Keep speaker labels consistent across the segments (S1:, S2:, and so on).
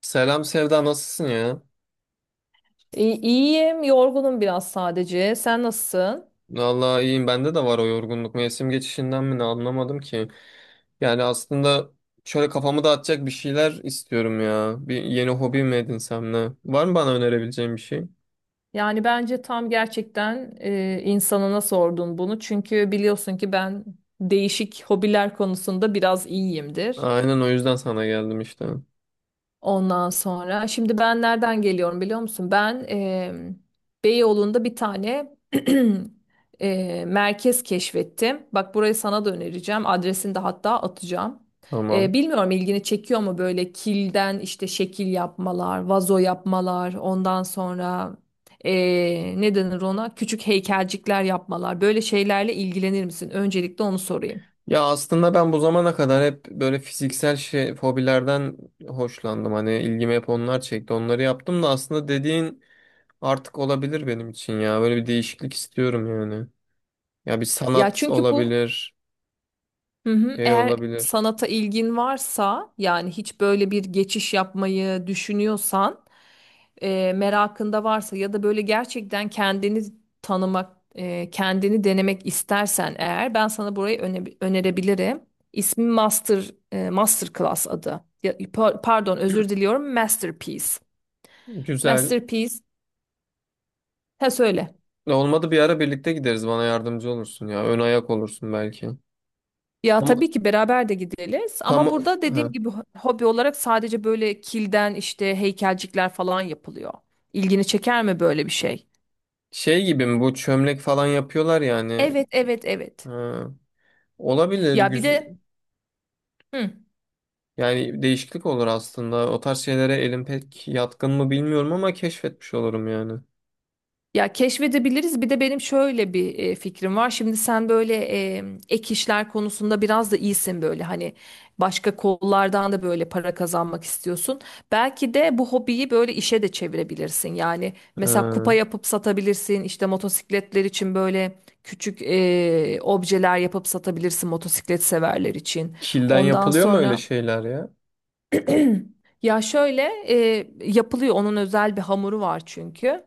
S1: Selam Sevda, nasılsın ya?
S2: İyiyim, yorgunum biraz sadece. Sen nasılsın?
S1: Vallahi iyiyim, bende de var o yorgunluk, mevsim geçişinden mi ne, anlamadım ki. Yani aslında şöyle kafamı dağıtacak bir şeyler istiyorum ya. Bir yeni hobi mi edinsem ne? Var mı bana önerebileceğin bir şey?
S2: Yani bence tam gerçekten insanına sordun bunu. Çünkü biliyorsun ki ben değişik hobiler konusunda biraz iyiyimdir.
S1: Aynen, o yüzden sana geldim işte.
S2: Ondan sonra şimdi ben nereden geliyorum biliyor musun? Ben Beyoğlu'nda bir tane merkez keşfettim. Bak burayı sana da önereceğim. Adresini de hatta atacağım.
S1: Tamam.
S2: Bilmiyorum ilgini çekiyor mu böyle kilden işte şekil yapmalar, vazo yapmalar, ondan sonra ne denir ona? Küçük heykelcikler yapmalar. Böyle şeylerle ilgilenir misin? Öncelikle onu sorayım.
S1: Ya aslında ben bu zamana kadar hep böyle fiziksel şey, hobilerden hoşlandım. Hani ilgimi hep onlar çekti. Onları yaptım da, aslında dediğin artık olabilir benim için ya. Böyle bir değişiklik istiyorum yani. Ya bir
S2: Ya
S1: sanat
S2: çünkü bu
S1: olabilir,
S2: Hı hı.
S1: şey
S2: Eğer
S1: olabilir.
S2: sanata ilgin varsa yani hiç böyle bir geçiş yapmayı düşünüyorsan merakında varsa ya da böyle gerçekten kendini tanımak kendini denemek istersen eğer ben sana burayı önerebilirim. İsmi Masterclass adı. Ya, pardon özür diliyorum Masterpiece.
S1: Güzel.
S2: Masterpiece. Ha söyle.
S1: Ne olmadı bir ara birlikte gideriz. Bana yardımcı olursun ya. Ön ayak olursun belki.
S2: Ya
S1: Ama
S2: tabii ki beraber de gideriz
S1: tam
S2: ama burada dediğim
S1: ha.
S2: gibi hobi olarak sadece böyle kilden işte heykelcikler falan yapılıyor. İlgini çeker mi böyle bir şey?
S1: Şey gibi mi bu, çömlek falan yapıyorlar yani.
S2: Evet, evet, evet.
S1: Ha. Olabilir.
S2: Ya bir
S1: Güzel.
S2: de hı.
S1: Yani değişiklik olur aslında. O tarz şeylere elim pek yatkın mı bilmiyorum ama keşfetmiş olurum yani.
S2: Ya keşfedebiliriz. Bir de benim şöyle bir fikrim var. Şimdi sen böyle e, ek işler konusunda biraz da iyisin böyle hani başka kollardan da böyle para kazanmak istiyorsun. Belki de bu hobiyi böyle işe de çevirebilirsin. Yani mesela
S1: Ha.
S2: kupa yapıp satabilirsin. İşte motosikletler için böyle küçük objeler yapıp satabilirsin motosiklet severler için.
S1: Kilden
S2: Ondan
S1: yapılıyor mu öyle
S2: sonra
S1: şeyler ya?
S2: ya şöyle e, Yapılıyor. Onun özel bir hamuru var çünkü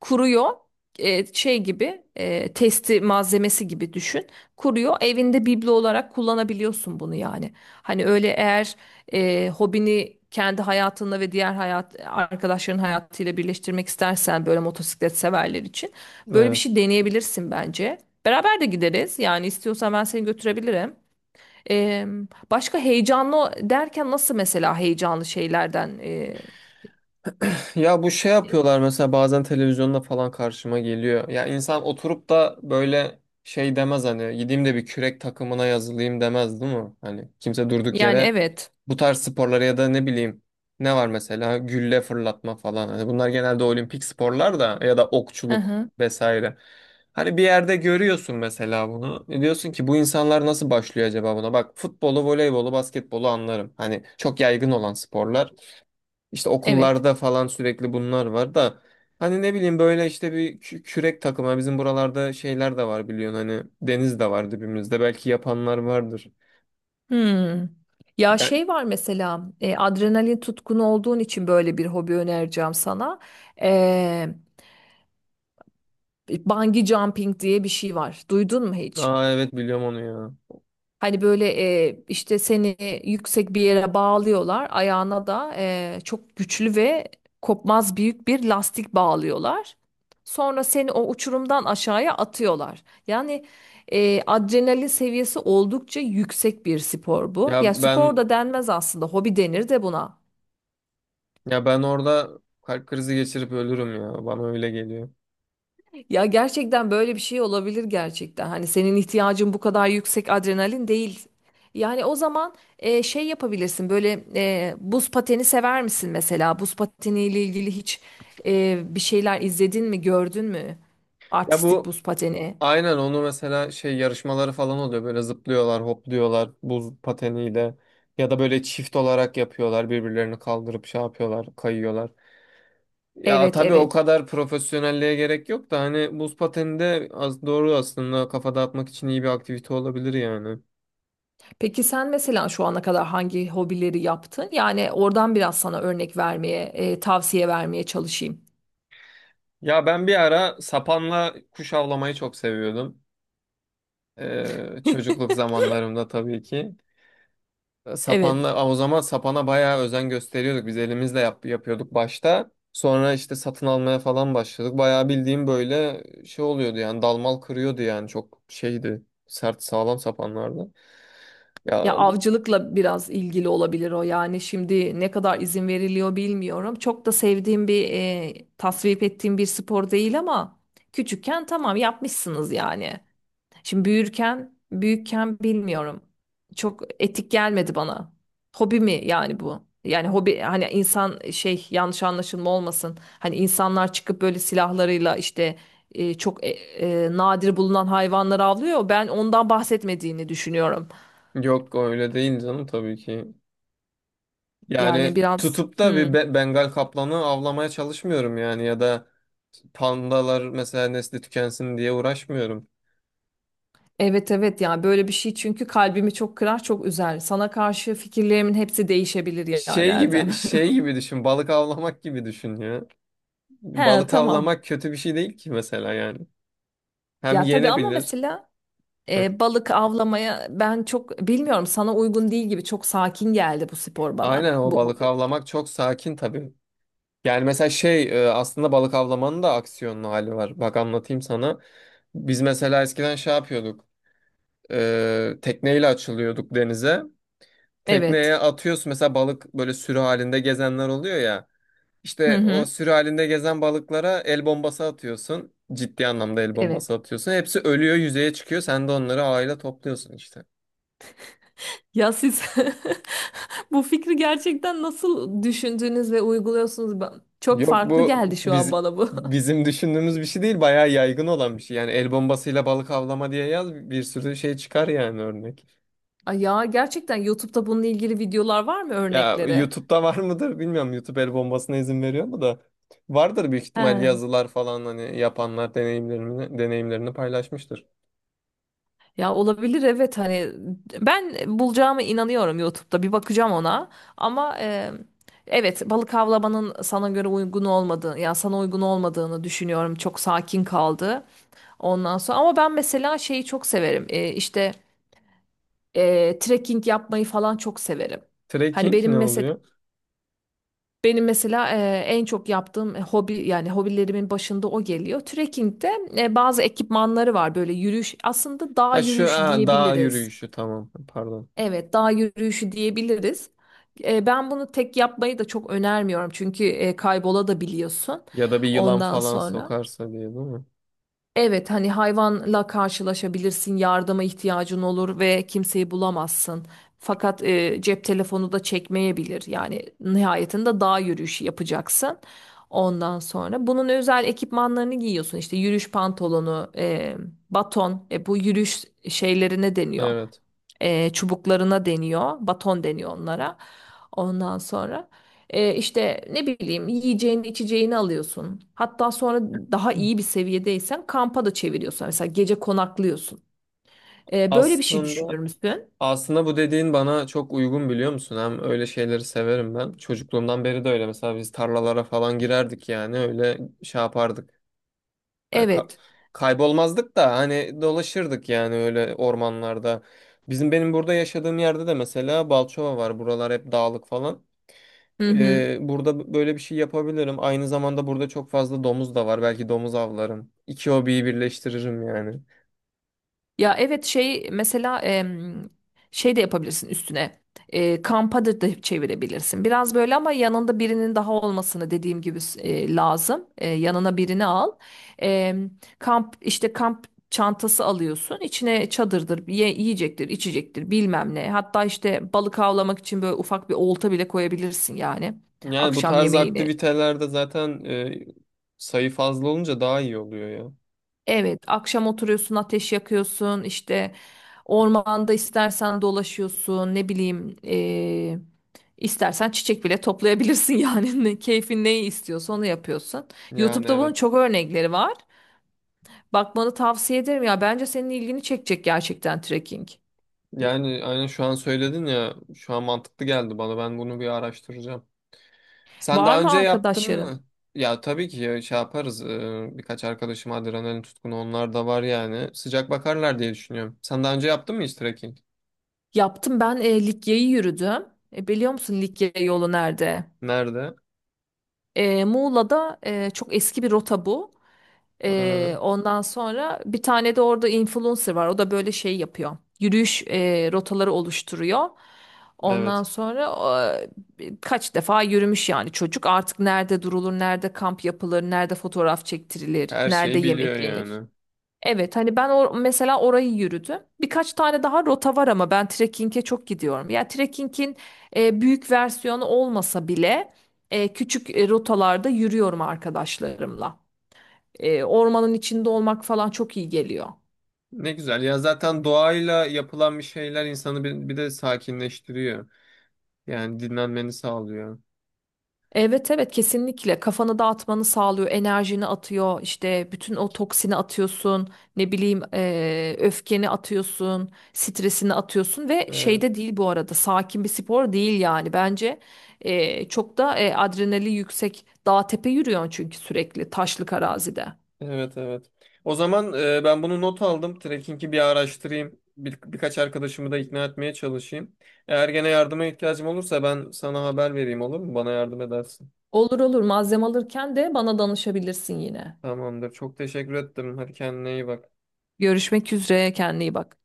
S2: kuruyor şey gibi testi malzemesi gibi düşün, kuruyor, evinde biblo olarak kullanabiliyorsun bunu. Yani hani öyle, eğer hobini kendi hayatınla ve diğer hayat arkadaşların hayatıyla birleştirmek istersen, böyle motosiklet severler için böyle bir şey deneyebilirsin bence. Beraber de gideriz yani, istiyorsan ben seni götürebilirim. E, Başka heyecanlı derken nasıl mesela, heyecanlı şeylerden
S1: Ya bu şey
S2: e,
S1: yapıyorlar, mesela bazen televizyonda falan karşıma geliyor. Ya insan oturup da böyle şey demez, hani gideyim de bir kürek takımına yazılayım demez değil mi? Hani kimse durduk
S2: yani
S1: yere
S2: evet.
S1: bu tarz sporlara ya da ne bileyim, ne var mesela, gülle fırlatma falan. Hani bunlar genelde olimpik sporlar da, ya da
S2: Hı
S1: okçuluk
S2: hı.
S1: vesaire. Hani bir yerde görüyorsun mesela bunu. E diyorsun ki bu insanlar nasıl başlıyor acaba buna? Bak futbolu, voleybolu, basketbolu anlarım. Hani çok yaygın olan sporlar. İşte
S2: Evet.
S1: okullarda falan sürekli bunlar var da, hani ne bileyim, böyle işte bir kürek takımı, bizim buralarda şeyler de var biliyorsun, hani deniz de var dibimizde, belki yapanlar vardır.
S2: Hmm. Ya
S1: Ben,
S2: şey var mesela, adrenalin tutkunu olduğun için böyle bir hobi önereceğim sana. E, Bungee jumping diye bir şey var. Duydun mu hiç?
S1: aa, evet, biliyorum onu ya.
S2: Hani böyle işte seni yüksek bir yere bağlıyorlar. Ayağına da çok güçlü ve kopmaz büyük bir lastik bağlıyorlar. Sonra seni o uçurumdan aşağıya atıyorlar. Yani adrenalin seviyesi oldukça yüksek bir spor bu.
S1: Ya
S2: Ya spor
S1: ben
S2: da denmez aslında, hobi denir de buna.
S1: ya ben orada kalp krizi geçirip ölürüm ya, bana öyle geliyor.
S2: Ya gerçekten böyle bir şey olabilir gerçekten. Hani senin ihtiyacın bu kadar yüksek adrenalin değil. Yani o zaman şey yapabilirsin. Böyle buz pateni sever misin mesela? Buz pateniyle ilgili hiç bir şeyler izledin mi, gördün mü?
S1: Ya
S2: Artistik
S1: bu,
S2: buz pateni.
S1: aynen onu mesela, şey yarışmaları falan oluyor, böyle zıplıyorlar hopluyorlar buz pateniyle, ya da böyle çift olarak yapıyorlar, birbirlerini kaldırıp şey yapıyorlar, kayıyorlar. Ya
S2: Evet,
S1: tabii o
S2: evet.
S1: kadar profesyonelliğe gerek yok da, hani buz pateni de az doğru aslında, kafa dağıtmak için iyi bir aktivite olabilir yani.
S2: Peki sen mesela şu ana kadar hangi hobileri yaptın? Yani oradan biraz sana örnek vermeye, tavsiye vermeye çalışayım.
S1: Ya ben bir ara sapanla kuş avlamayı çok seviyordum. Çocukluk zamanlarımda tabii ki.
S2: Evet.
S1: Sapanla aa, o zaman sapana bayağı özen gösteriyorduk. Biz elimizle yapıyorduk başta. Sonra işte satın almaya falan başladık. Bayağı bildiğim böyle şey oluyordu yani, dalmal kırıyordu yani, çok şeydi. Sert sağlam sapanlardı.
S2: Ya
S1: Ya
S2: avcılıkla biraz ilgili olabilir o. Yani şimdi ne kadar izin veriliyor bilmiyorum. Çok da sevdiğim bir, tasvip ettiğim bir spor değil ama küçükken tamam, yapmışsınız yani. Şimdi büyürken, büyükken bilmiyorum. Çok etik gelmedi bana. Hobi mi yani bu? Yani hobi, hani insan, şey, yanlış anlaşılma olmasın. Hani insanlar çıkıp böyle silahlarıyla işte çok nadir bulunan hayvanları avlıyor. Ben ondan bahsetmediğini düşünüyorum.
S1: Yok öyle değil canım, tabii ki.
S2: Yani
S1: Yani
S2: biraz,
S1: tutup da
S2: hmm,
S1: Bengal kaplanı avlamaya çalışmıyorum yani, ya da pandalar mesela nesli tükensin diye uğraşmıyorum.
S2: evet evet, ya böyle bir şey, çünkü kalbimi çok kırar, çok üzer. Sana karşı fikirlerimin hepsi değişebilir yani Erdem.
S1: Şey gibi düşün, balık avlamak gibi düşün ya.
S2: He
S1: Balık
S2: tamam.
S1: avlamak kötü bir şey değil ki mesela yani. Hem
S2: Ya tabii, ama
S1: yenebilir.
S2: mesela
S1: Hı.
S2: balık avlamaya ben çok bilmiyorum, sana uygun değil gibi. Çok sakin geldi bu spor
S1: Aynen,
S2: bana.
S1: o
S2: Bu
S1: balık
S2: hobi.
S1: avlamak çok sakin tabii. Yani mesela aslında balık avlamanın da aksiyonlu hali var. Bak anlatayım sana. Biz mesela eskiden şey yapıyorduk. Tekneyle açılıyorduk denize.
S2: Evet.
S1: Tekneye atıyorsun mesela, balık böyle sürü halinde gezenler oluyor ya.
S2: Hı
S1: İşte o
S2: hı.
S1: sürü halinde gezen balıklara el bombası atıyorsun. Ciddi anlamda el
S2: Evet.
S1: bombası atıyorsun. Hepsi ölüyor, yüzeye çıkıyor. Sen de onları ağıyla topluyorsun işte.
S2: Ya siz bu fikri gerçekten nasıl düşündüğünüz ve uyguluyorsunuz? Çok
S1: Yok
S2: farklı
S1: bu
S2: geldi şu an
S1: biz
S2: bana bu.
S1: bizim düşündüğümüz bir şey değil. Bayağı yaygın olan bir şey. Yani el bombasıyla balık avlama diye yaz, bir sürü şey çıkar yani, örnek.
S2: Ay, ya gerçekten YouTube'da bununla ilgili videolar var mı,
S1: Ya
S2: örnekleri?
S1: YouTube'da var mıdır bilmiyorum. YouTube el bombasına izin veriyor mu da. Vardır büyük ihtimal,
S2: He.
S1: yazılar falan, hani yapanlar deneyimlerini paylaşmıştır.
S2: Ya olabilir, evet, hani ben bulacağıma inanıyorum YouTube'da, bir bakacağım ona, ama evet, balık avlamanın sana göre uygun olmadığını, ya sana uygun olmadığını düşünüyorum. Çok sakin kaldı ondan sonra. Ama ben mesela şeyi çok severim. İşte trekking yapmayı falan çok severim. Hani
S1: Trekking
S2: benim
S1: ne
S2: mesela,
S1: oluyor?
S2: benim mesela en çok yaptığım hobi, yani hobilerimin başında o geliyor. Trekking'de bazı ekipmanları var, böyle yürüyüş, aslında dağ
S1: Ha şu
S2: yürüyüşü
S1: ha, dağ
S2: diyebiliriz.
S1: yürüyüşü, tamam, pardon.
S2: Evet, dağ yürüyüşü diyebiliriz. Ben bunu tek yapmayı da çok önermiyorum çünkü kaybola da biliyorsun
S1: Ya da bir yılan
S2: ondan
S1: falan
S2: sonra.
S1: sokarsa diye, değil mi?
S2: Evet hani hayvanla karşılaşabilirsin, yardıma ihtiyacın olur ve kimseyi bulamazsın. Fakat cep telefonu da çekmeyebilir. Yani nihayetinde dağ yürüyüşü yapacaksın. Ondan sonra bunun özel ekipmanlarını giyiyorsun. İşte yürüyüş pantolonu, baton, bu yürüyüş şeyleri ne deniyor?
S1: Evet.
S2: Çubuklarına deniyor. Baton deniyor onlara. Ondan sonra işte ne bileyim, yiyeceğini içeceğini alıyorsun. Hatta sonra daha iyi bir seviyedeysen kampa da çeviriyorsun. Mesela gece konaklıyorsun. Böyle bir şey
S1: Aslında
S2: düşünür müsün?
S1: aslında bu dediğin bana çok uygun, biliyor musun? Hem öyle şeyleri severim ben. Çocukluğumdan beri de öyle. Mesela biz tarlalara falan girerdik, yani öyle şey yapardık. Hani ka-
S2: Evet.
S1: kaybolmazdık da hani, dolaşırdık yani, öyle ormanlarda. Benim burada yaşadığım yerde de mesela Balçova var. Buralar hep dağlık falan.
S2: Hı hı.
S1: Burada böyle bir şey yapabilirim. Aynı zamanda burada çok fazla domuz da var. Belki domuz avlarım. İki hobiyi birleştiririm yani.
S2: Ya evet, şey mesela, şey de yapabilirsin üstüne. Kampa da çevirebilirsin. Biraz böyle, ama yanında birinin daha olmasını, dediğim gibi, lazım. Yanına birini al. Em, kamp işte kamp çantası alıyorsun. İçine çadırdır, yiyecektir, içecektir, bilmem ne. Hatta işte balık avlamak için böyle ufak bir olta bile koyabilirsin yani.
S1: Yani bu
S2: Akşam
S1: tarz
S2: yemeğini.
S1: aktivitelerde zaten sayı fazla olunca daha iyi oluyor ya.
S2: Evet, akşam oturuyorsun, ateş yakıyorsun, işte ormanda istersen dolaşıyorsun, ne bileyim, istersen çiçek bile toplayabilirsin yani. Keyfin neyi istiyorsa onu yapıyorsun.
S1: Yani
S2: YouTube'da bunun
S1: evet.
S2: çok örnekleri var. Bakmanı tavsiye ederim ya. Bence senin ilgini çekecek gerçekten trekking.
S1: Yani aynen, şu an söyledin ya, şu an mantıklı geldi bana, ben bunu bir araştıracağım. Sen
S2: Var
S1: daha
S2: mı
S1: önce yaptın
S2: arkadaşların?
S1: mı? Ya tabii ki ya, şey yaparız. Birkaç arkadaşım adrenalin tutkunu, onlar da var yani, sıcak bakarlar diye düşünüyorum. Sen daha önce yaptın mı hiç trekking?
S2: Yaptım ben, Likya'yı yürüdüm. Biliyor musun Likya yolu nerede?
S1: Nerede?
S2: Muğla'da, çok eski bir rota bu.
S1: Ha,
S2: Ondan sonra bir tane de orada influencer var. O da böyle şey yapıyor, yürüyüş rotaları oluşturuyor. Ondan
S1: evet,
S2: sonra kaç defa yürümüş yani çocuk. Artık nerede durulur, nerede kamp yapılır, nerede fotoğraf çektirilir,
S1: her
S2: nerede
S1: şeyi biliyor
S2: yemek yenir.
S1: yani.
S2: Evet, hani ben mesela orayı yürüdüm. Birkaç tane daha rota var ama ben trekking'e çok gidiyorum. Yani trekking'in büyük versiyonu olmasa bile küçük rotalarda yürüyorum arkadaşlarımla. Ormanın içinde olmak falan çok iyi geliyor.
S1: Ne güzel ya, zaten doğayla yapılan bir şeyler insanı bir de sakinleştiriyor. Yani dinlenmeni sağlıyor.
S2: Evet evet, kesinlikle kafanı dağıtmanı sağlıyor, enerjini atıyor, işte bütün o toksini atıyorsun, ne bileyim, öfkeni atıyorsun, stresini atıyorsun. Ve
S1: Evet.
S2: şeyde değil bu arada, sakin bir spor değil yani bence. Çok da adrenali yüksek, dağ tepe yürüyorsun çünkü, sürekli taşlık arazide.
S1: Evet, evet. O zaman ben bunu not aldım. Trekking'i bir araştırayım. Birkaç arkadaşımı da ikna etmeye çalışayım. Eğer gene yardıma ihtiyacım olursa ben sana haber vereyim, olur mu? Bana yardım edersin.
S2: Olur olur, malzeme alırken de bana danışabilirsin yine.
S1: Tamamdır. Çok teşekkür ettim. Hadi kendine iyi bak.
S2: Görüşmek üzere, kendine iyi bak.